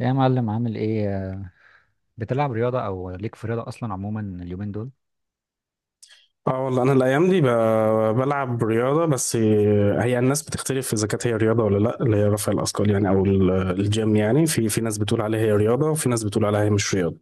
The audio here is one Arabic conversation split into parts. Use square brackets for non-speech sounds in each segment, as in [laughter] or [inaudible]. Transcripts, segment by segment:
يا معلم، عامل ايه؟ بتلعب رياضة او ليك في رياضة اصلا عموما اليومين دول؟ اه، والله انا الايام دي بلعب رياضه. بس هي الناس بتختلف اذا كانت هي رياضه ولا لا، اللي هي رفع الاثقال يعني، او الجيم يعني. في ناس بتقول عليها هي رياضه، وفي ناس بتقول عليها هي مش رياضه.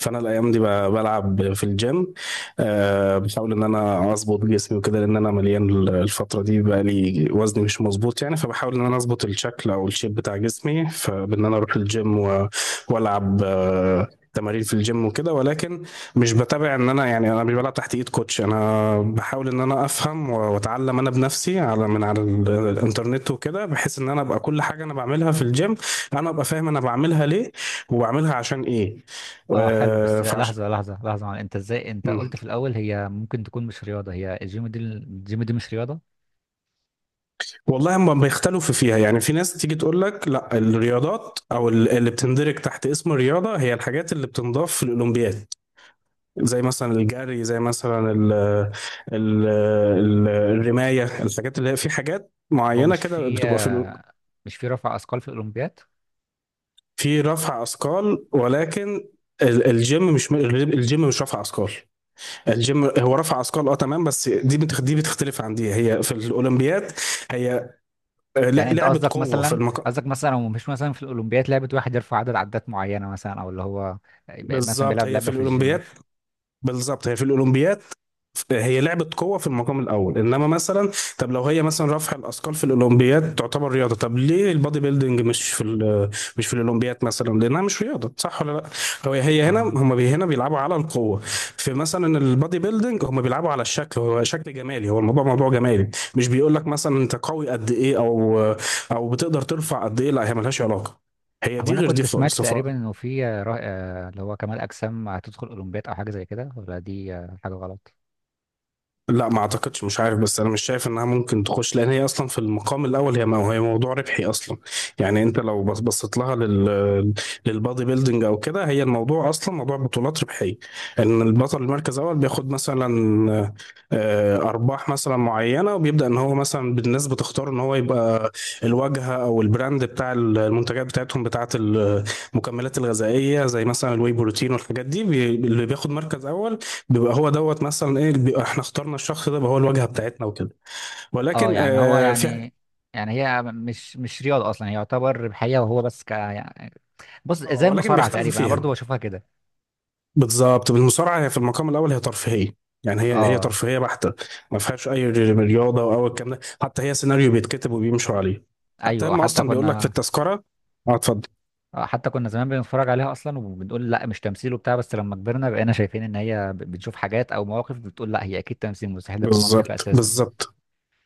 فانا الايام دي بلعب في الجيم. بحاول ان انا اظبط جسمي وكده، لان انا مليان الفتره دي، بقى لي وزني مش مظبوط يعني. فبحاول ان انا اظبط الشكل او الشيب بتاع جسمي، فبان انا اروح الجيم والعب تمارين في الجيم وكده. ولكن مش بتابع ان انا يعني، انا مش بلعب تحت ايد كوتش، انا بحاول ان انا افهم واتعلم انا بنفسي على الانترنت وكده، بحيث ان انا ابقى كل حاجه انا بعملها في الجيم انا ابقى فاهم انا بعملها ليه وبعملها عشان ايه. اه حلو، بس آه، فعش لحظة لحظة لحظة معلم. انت مم. قلت في الاول هي ممكن تكون مش رياضة؟ هي الجيم دي مش رياضة؟ والله هم بيختلفوا فيها يعني. في ناس تيجي تقول لك لا، الرياضات او اللي بتندرج تحت اسم الرياضه هي الحاجات اللي بتنضاف في الاولمبياد، زي مثلا الجري، زي مثلا ال الرمايه، الحاجات اللي هي في حاجات هو معينه مش كده في بتبقى في مش في رفع اثقال في الاولمبياد؟ في رفع اثقال. ولكن الجيم مش الجيم مش رفع اثقال. الجيم هو رفع اثقال، اه تمام، بس دي بتختلف عن دي هي في الاولمبياد. هي يعني انت لعبة قصدك قوة. مثلا قصدك مثلا لو مش مثلا في الاولمبياد لعبة واحد يرفع عدد عدات معينة مثلا، او اللي هو يبقى مثلا بالظبط بيلعب هي في لعبة في الجيم. الاولمبياد، بالظبط هي في الاولمبياد. هي لعبه قوه في المقام الاول، انما مثلا طب لو هي مثلا رفع الاثقال في الاولمبياد تعتبر رياضه، طب ليه البادي بيلدينج مش في مش في الاولمبياد مثلا؟ لانها مش رياضه، صح ولا لا. هو هي هنا اه، هم بي هنا بيلعبوا على القوه. في مثلا البادي بيلدينج هم بيلعبوا على الشكل، هو شكل جمالي، هو الموضوع موضوع جمالي. مش بيقول لك مثلا انت قوي قد ايه، او بتقدر ترفع قد ايه، لا هي ملهاش علاقه، هي هو دي انا غير دي كنت سمعت خالص. تقريبا انه في اللي هو كمال اجسام هتدخل اولمبياد او حاجة زي كده؟ ولا دي حاجة غلط؟ لا، ما اعتقدش، مش عارف، بس انا مش شايف انها ممكن تخش، لان هي اصلا في المقام الاول هي موضوع ربحي اصلا. يعني انت لو بصيت لها، للبادي بيلدينج او كده، هي الموضوع اصلا موضوع بطولات ربحيه. ان البطل المركز الاول بياخد مثلا ارباح مثلا معينه، وبيبدا ان هو مثلا بالناس بتختار ان هو يبقى الواجهه او البراند بتاع المنتجات بتاعتهم بتاعه المكملات الغذائيه، زي مثلا الواي بروتين والحاجات دي. اللي بياخد مركز اول بيبقى هو دوت مثلا ايه، بيبقى احنا اخترنا الشخص ده بقى هو الواجهه بتاعتنا وكده. اه، ولكن يعني هو آه في يعني هي مش رياضة أصلا، هي يعتبر ربحية، وهو بس يعني. بص، زي ولكن المصارعة بيختلفوا تقريبا أنا برضو فيها. بشوفها كده. بالظبط، بالمصارعه هي في المقام الاول هي ترفيهيه، يعني هي اه، ترفيهيه بحته. ما فيهاش اي رياضه او الكلام ده، حتى هي سيناريو بيتكتب وبيمشوا عليه. حتى أيوة، هم اصلا بيقول لك في التذكره. اه، اتفضل. حتى كنا زمان بنتفرج عليها أصلا وبنقول لا مش تمثيل وبتاع، بس لما كبرنا بقينا شايفين إن هي بنشوف حاجات أو مواقف بتقول لا هي أكيد تمثيل، مستحيل يكون منطقي بالظبط، أساسا. بالظبط،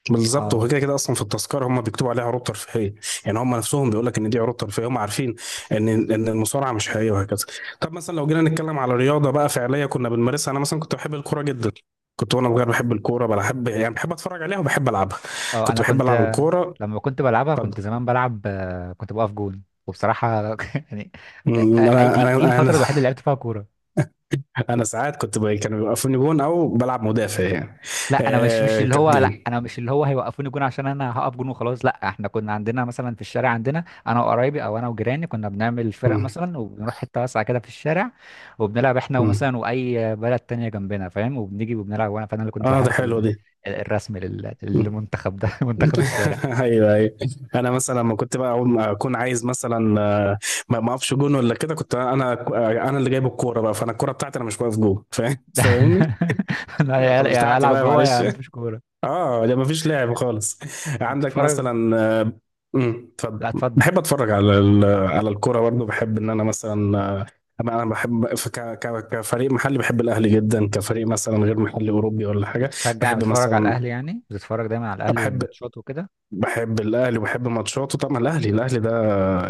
بالظبط. وهو اه، كده كده اصلا في التذكره هم بيكتبوا عليها عروض ترفيهيه، يعني هم نفسهم بيقول لك ان دي عروض ترفيهيه. هم عارفين ان المصارعه مش حقيقيه وهكذا. طب مثلا لو جينا نتكلم على رياضه بقى فعليه كنا بنمارسها، انا مثلا كنت بحب الكوره جدا. كنت وانا صغير بحب الكوره، بحب اتفرج عليها وبحب العبها. اه. كنت أنا بحب كنت العب الكوره. لما كنت بلعبها كنت اتفضل. زمان بلعب، كنت بقف جون وبصراحة [laughs] يعني. أمم، انا دي انا انا الفترة الوحيدة اللي لعبت فيها كورة. انا ساعات كنت كانوا بيوقفوني جون، او بلعب مدافع يعني. آه، كانت لا، جميل. انا مش اللي هو هيوقفوني جون عشان انا هقف جون وخلاص. لا، احنا كنا عندنا مثلا في الشارع، عندنا انا وقرايبي او انا وجيراني كنا بنعمل فرق أمم. مثلا وبنروح حته واسعه كده في الشارع، وبنلعب احنا أمم. ومثلا واي بلد تانية جنبنا، فاهم؟ وبنيجي وبنلعب، فانا اللي كنت اه ده الحارس حلو دي. الرسمي للمنتخب ده [laughs] [laughs] منتخب الشارع. ايوه، ايوه. انا مثلا لما كنت بقى اول ما اكون عايز مثلا ما اقفش جون ولا كده، كنت انا انا اللي جايب الكوره بقى، فانا الكوره بتاعتي، انا مش واقف جون، فاهم فاهمني. [laughs] لا، [laughs] يا خلاص يا بتاعتي العب بقى جوه يا معلش. مفيش كوره. اه ده ما فيش لعب خالص. عندك بتتفرج؟ مثلا آه، لا، اتفضل. اتفضل. بحب اتفرج على على الكوره برضه. بحب ان انا مثلا انا بحب كفريق محلي بحب الاهلي جدا، كفريق مثلا غير محلي اوروبي ولا حاجه. بحب بتتفرج على مثلا الاهلي يعني؟ بتتفرج دايما على الاهلي بحب الماتشات وكده؟ بحب الاهلي وبحب ماتشاته طبعا، الاهلي، الاهلي ده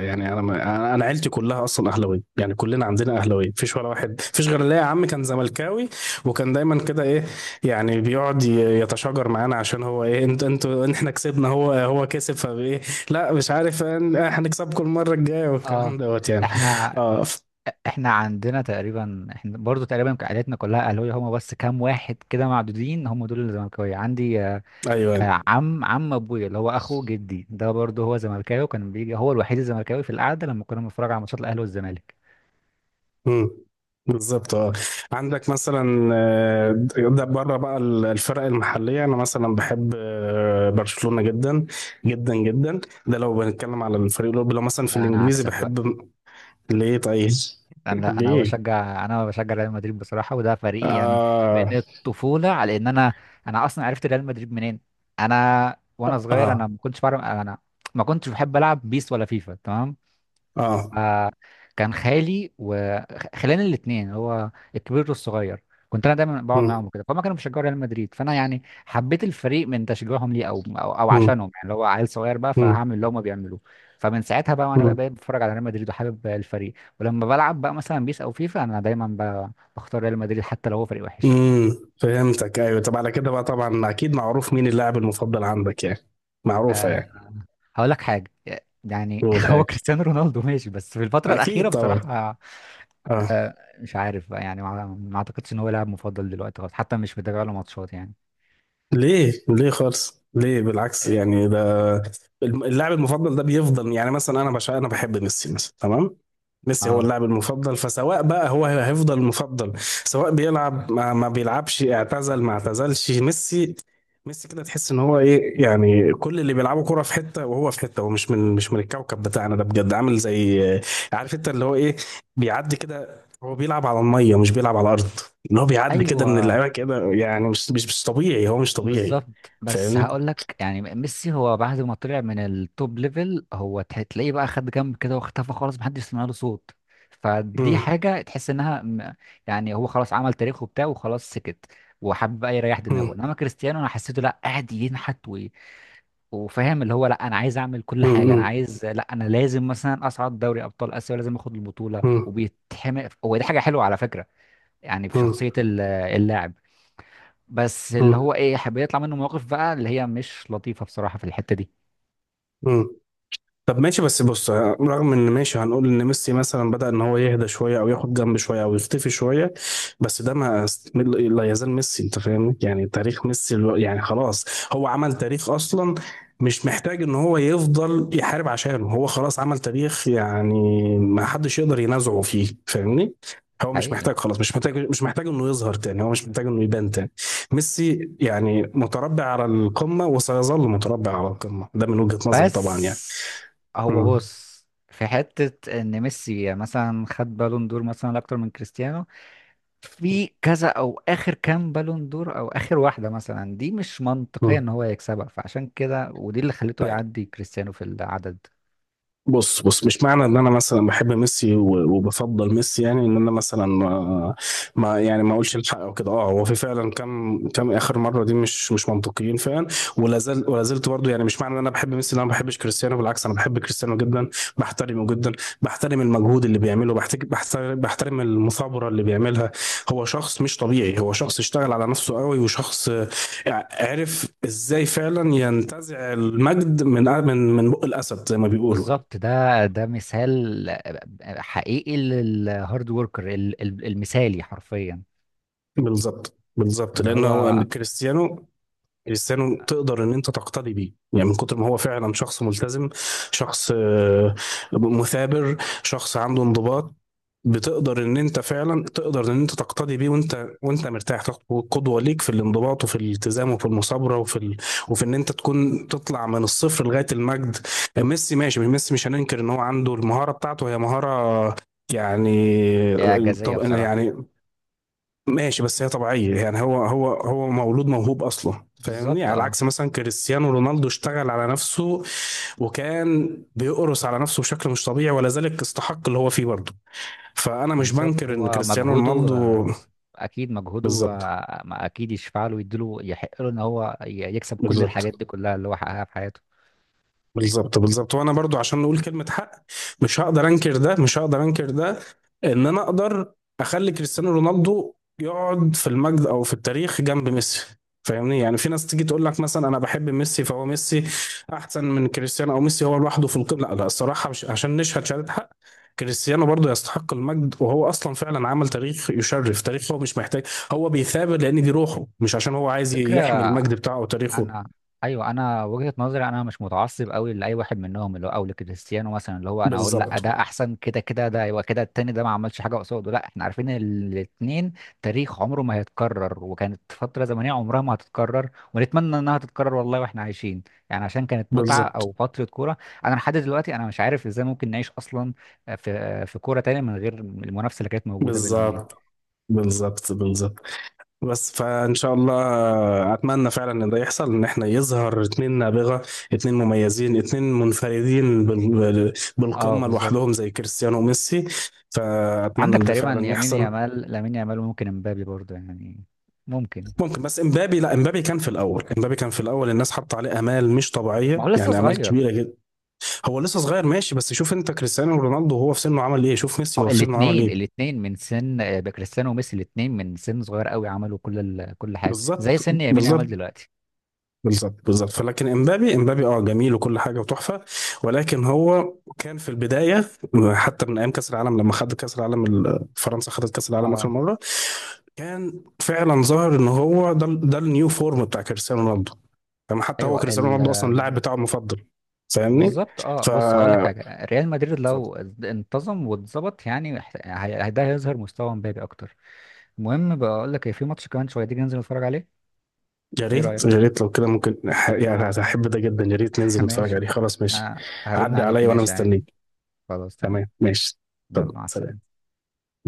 يعني، انا ما انا أنا عيلتي كلها اصلا اهلاويه، يعني كلنا عندنا اهلاويه. مفيش ولا واحد، مفيش غير ليا عم كان زملكاوي، وكان دايما كده ايه، يعني بيقعد يتشاجر معانا عشان هو ايه، انتوا احنا كسبنا، هو كسب فايه. لا مش عارف احنا هنكسبكم المره الجايه اه. والكلام دوت يعني. احنا اه، احنا برضو تقريبا عائلتنا كلها اهلاويه، هما بس كام واحد كده معدودين هم دول اللي زملكاويه عندي. ايوه. عم ابويا، اللي هو اخو جدي، ده برضو هو زملكاوي، وكان بيجي هو الوحيد الزملكاوي في القعده لما كنا بنتفرج على ماتشات الاهلي والزمالك. مم. بالظبط، اه. عندك مثلا ده بره بقى الفرق المحليه. انا مثلا بحب برشلونه جدا، جدا جدا. ده لو بنتكلم على الفريق الاوروبي. لو مثلا في لا، انا الانجليزي عكسك بقى. بحب. ليه طيب؟ انا [laughs] انا ليه؟ بشجع انا بشجع ريال مدريد بصراحه، وده فريقي يعني. اه، من الطفوله. على ان انا انا اصلا عرفت ريال مدريد منين؟ وانا صغير، اه، انا ما كنتش بعرف، انا ما كنتش بحب العب بيس ولا فيفا، تمام؟ اه. آه، كان خالي وخلاني الاثنين، هو الكبير والصغير، كنت انا دايما بقعد معاهم مم. وكده، فهم كانوا بيشجعوا ريال مدريد، فانا يعني حبيت الفريق من تشجيعهم ليه، أو مم. عشانهم، يعني اللي هو عيل صغير بقى مم. فهعمل اللي هم بيعملوه. فمن ساعتها بقى وانا بقى مم. بقيت بتفرج على ريال مدريد وحابب الفريق. ولما بلعب بقى مثلا بيس او فيفا، انا دايما بختار ريال مدريد، حتى لو هو فريق وحش. مم. فهمتك. ايوه، طب على كده بقى طبعا اكيد معروف مين اللاعب المفضل عندك يعني، معروفه يعني. هقول لك حاجه يعني، قول [laughs] هو حاجه. كريستيانو رونالدو ماشي، بس في الفتره الاخيره اكيد طبعا. بصراحه، اه، مش عارف بقى يعني، ما اعتقدش ان هو لاعب مفضل دلوقتي خالص، حتى مش متابع له ماتشات يعني. ليه؟ ليه خالص؟ ليه؟ بالعكس يعني، ده اللاعب المفضل ده بيفضل. يعني مثلا انا انا بحب ميسي مثلا، تمام؟ ميسي هو اه، اللاعب المفضل. فسواء بقى هو هيفضل مفضل، سواء بيلعب ما بيلعبش، اعتزل ما اعتزلش، ميسي ميسي كده تحس ان هو ايه يعني. كل اللي بيلعبوا كرة في حتة، وهو في حتة. هو مش من الكوكب بتاعنا ده، بجد. عامل زي، عارف انت اللي هو ايه، بيعدي كده. هو بيلعب على المية، مش بيلعب على الارض. ان هو بيعدي كده من ايوه، اللعيبه كده يعني، مش طبيعي، هو مش طبيعي. بالظبط. بس فاهمني؟ هقول لك يعني، ميسي هو بعد ما طلع من التوب ليفل هو تلاقيه بقى خد جنب كده واختفى خالص، محدش سمع له صوت. فدي مم. حاجه تحس انها يعني هو خلاص عمل تاريخه بتاعه وخلاص سكت، وحب بقى يريح دماغه. مم. انما كريستيانو انا حسيته لا، قاعد ينحت وفاهم اللي هو لا، انا عايز اعمل كل مم. حاجه، انا مم. عايز، لا، انا لازم مثلا اصعد دوري ابطال اسيا ولازم اخد البطوله مم. وبيتحمق، هو دي حاجه حلوه على فكره. يعني في شخصيه اللاعب، بس اللي مم. هو ايه، حب يطلع منه مواقف بقى اللي هي مش لطيفه بصراحه في الحته دي. مم. طب ماشي بس بص، رغم ان ماشي هنقول ان ميسي مثلا بدأ ان هو يهدى شويه، او ياخد جنب شويه، او يختفي شويه، بس ده ما است- لا يزال ميسي، انت فاهمني؟ يعني تاريخ ميسي يعني خلاص هو عمل تاريخ اصلا، مش محتاج ان هو يفضل يحارب عشانه، هو خلاص عمل تاريخ يعني، ما حدش يقدر ينازعه فيه، فاهمني؟ هو مش حقيقي. محتاج، خلاص مش محتاج انه يظهر تاني، هو مش محتاج انه يبان تاني. ميسي يعني متربع على القمه، وسيظل متربع على القمه، ده من وجهة نظري طبعا يعني. بس هو مم. بص، في حته ان ميسي مثلا خد بالون دور مثلا اكتر من كريستيانو في كذا، او اخر كام بالون دور او اخر واحده مثلا دي مش منطقيه مم. ان هو يكسبها، فعشان كده ودي اللي خلته طيب، يعدي كريستيانو في العدد. بص بص. مش معنى ان انا مثلا بحب ميسي وبفضل ميسي، يعني ان انا مثلا ما اقولش الحق او كده. اه، هو في فعلا كام اخر مره دي مش منطقيين فعلا، ولا زلت برضه يعني. مش معنى ان انا بحب ميسي ان انا ما بحبش كريستيانو، بالعكس انا بحب كريستيانو جدا، بحترمه جدا، بحترم المجهود اللي بيعمله، بحترم المثابره اللي بيعملها. هو شخص مش طبيعي، هو شخص اشتغل على نفسه قوي، وشخص عرف ازاي فعلا ينتزع المجد من بق الاسد زي ما بيقولوا. بالظبط، ده مثال حقيقي للهارد وركر المثالي حرفيا. بالظبط، بالظبط، اللي لان هو هو كريستيانو، كريستيانو تقدر ان انت تقتدي بيه، يعني من كتر ما هو فعلا شخص ملتزم، شخص مثابر، شخص عنده انضباط. بتقدر ان انت فعلا تقدر ان انت تقتدي بيه، وانت مرتاح تاخد قدوه ليك في الانضباط، وفي الالتزام، وفي المثابره، وفي ان انت تكون تطلع من الصفر لغايه المجد. ميسي ماشي، ميسي مش هننكر ان هو عنده المهاره بتاعته هي مهاره يعني، اعجازيه طب بصراحه. يعني ماشي، بس هي طبيعية يعني. هو مولود موهوب أصلا، فاهمني؟ بالظبط، على اه، عكس مثلا كريستيانو رونالدو، اشتغل على نفسه وكان بيقرص على نفسه بشكل مش طبيعي، ولا ذلك استحق اللي هو فيه برضه. فأنا مش بالظبط، بنكر إن هو كريستيانو مجهوده، رونالدو، اكيد مجهوده، بالظبط، ما اكيد يشفع له ويديله يحق له ان هو يكسب كل بالظبط، الحاجات دي كلها اللي هو حققها في حياته. بالظبط، بالظبط، وانا برضو عشان نقول كلمة حق، مش هقدر انكر ده، مش هقدر انكر ده. ان انا اقدر اخلي كريستيانو رونالدو يقعد في المجد او في التاريخ جنب ميسي، فاهمني؟ يعني في ناس تيجي تقول لك مثلا انا بحب ميسي فهو ميسي احسن من كريستيانو، او ميسي هو لوحده في القمة، لا لا، الصراحة، مش عشان نشهد شهادة حق. كريستيانو برضو يستحق المجد، وهو اصلا فعلا عمل تاريخ يشرف تاريخ، هو مش محتاج. هو بيثابر لان دي روحه، مش عشان هو عايز يحمي فكره. المجد بتاعه وتاريخه. انا ايوه، انا وجهة نظري، انا مش متعصب قوي لاي واحد منهم اللي هو، او لكريستيانو مثلا، اللي هو انا اقول لا بالظبط، ده احسن كده كده، ده يبقى كده التاني ده ما عملش حاجه قصاده، لا احنا عارفين الاتنين تاريخ عمره ما هيتكرر، وكانت فتره زمنيه عمرها ما هتتكرر ونتمنى انها تتكرر والله واحنا عايشين. يعني عشان كانت متعه، بالظبط، او فتره كوره. انا لحد دلوقتي انا مش عارف ازاي ممكن نعيش اصلا في كوره تانية من غير المنافسه اللي كانت موجوده بينهم دي. بالظبط، بالظبط، بالظبط. بس فان شاء الله، اتمنى فعلا ان ده يحصل، ان احنا يظهر اتنين نابغه، اتنين مميزين، اتنين منفردين اه، بالقمه لوحدهم بالظبط. زي كريستيانو وميسي. فاتمنى عندك ان ده تقريبا فعلا يمين يحصل. يامال لامين يامال، وممكن امبابي برضه يعني، ممكن. ممكن، بس امبابي لا امبابي كان في الاول الناس حاطه عليه امال مش ما هو طبيعيه لسه يعني، امال صغير. كبيره جدا. هو لسه صغير ماشي، بس شوف انت كريستيانو رونالدو وهو في سنه عمل ايه، شوف ميسي هو وهو في سنه عمل الاثنين ايه. الاثنين من سن، كريستيانو وميسي الاثنين من سن صغير قوي عملوا كل حاجه زي بالظبط، سن يمين يامال بالظبط، دلوقتي. بالظبط، بالظبط. فلكن امبابي اه جميل وكل حاجه وتحفه، ولكن هو كان في البدايه، حتى من ايام كاس العالم، لما خد كاس العالم، فرنسا خدت كاس العالم اخر اه، مره، كان فعلا ظاهر ان هو ده النيو فورم بتاع كريستيانو رونالدو. فما حتى هو ايوه كريستيانو رونالدو اصلا اللاعب بتاعه المفضل، فاهمني؟ بالظبط. اه، ف بص، هقول لك حاجه، ريال مدريد اتفضل. لو انتظم واتظبط يعني هيح- هي- ده هيظهر مستوى امبابي اكتر. المهم، بقول لك إيه، في ماتش كمان شويه، تيجي ننزل نتفرج عليه؟ يا ايه ريت، يا رايك؟ ريت لو كده ممكن يعني هحب ده جدا، يا ريت [laughs] ننزل نتفرج ماشي. عليه، خلاص ماشي. آه، هرن عدي عليك، عليا وانا ماشي عادي. مستنيك. خلاص، تمام. تمام ماشي. طب يلا، مع سلام. السلامه.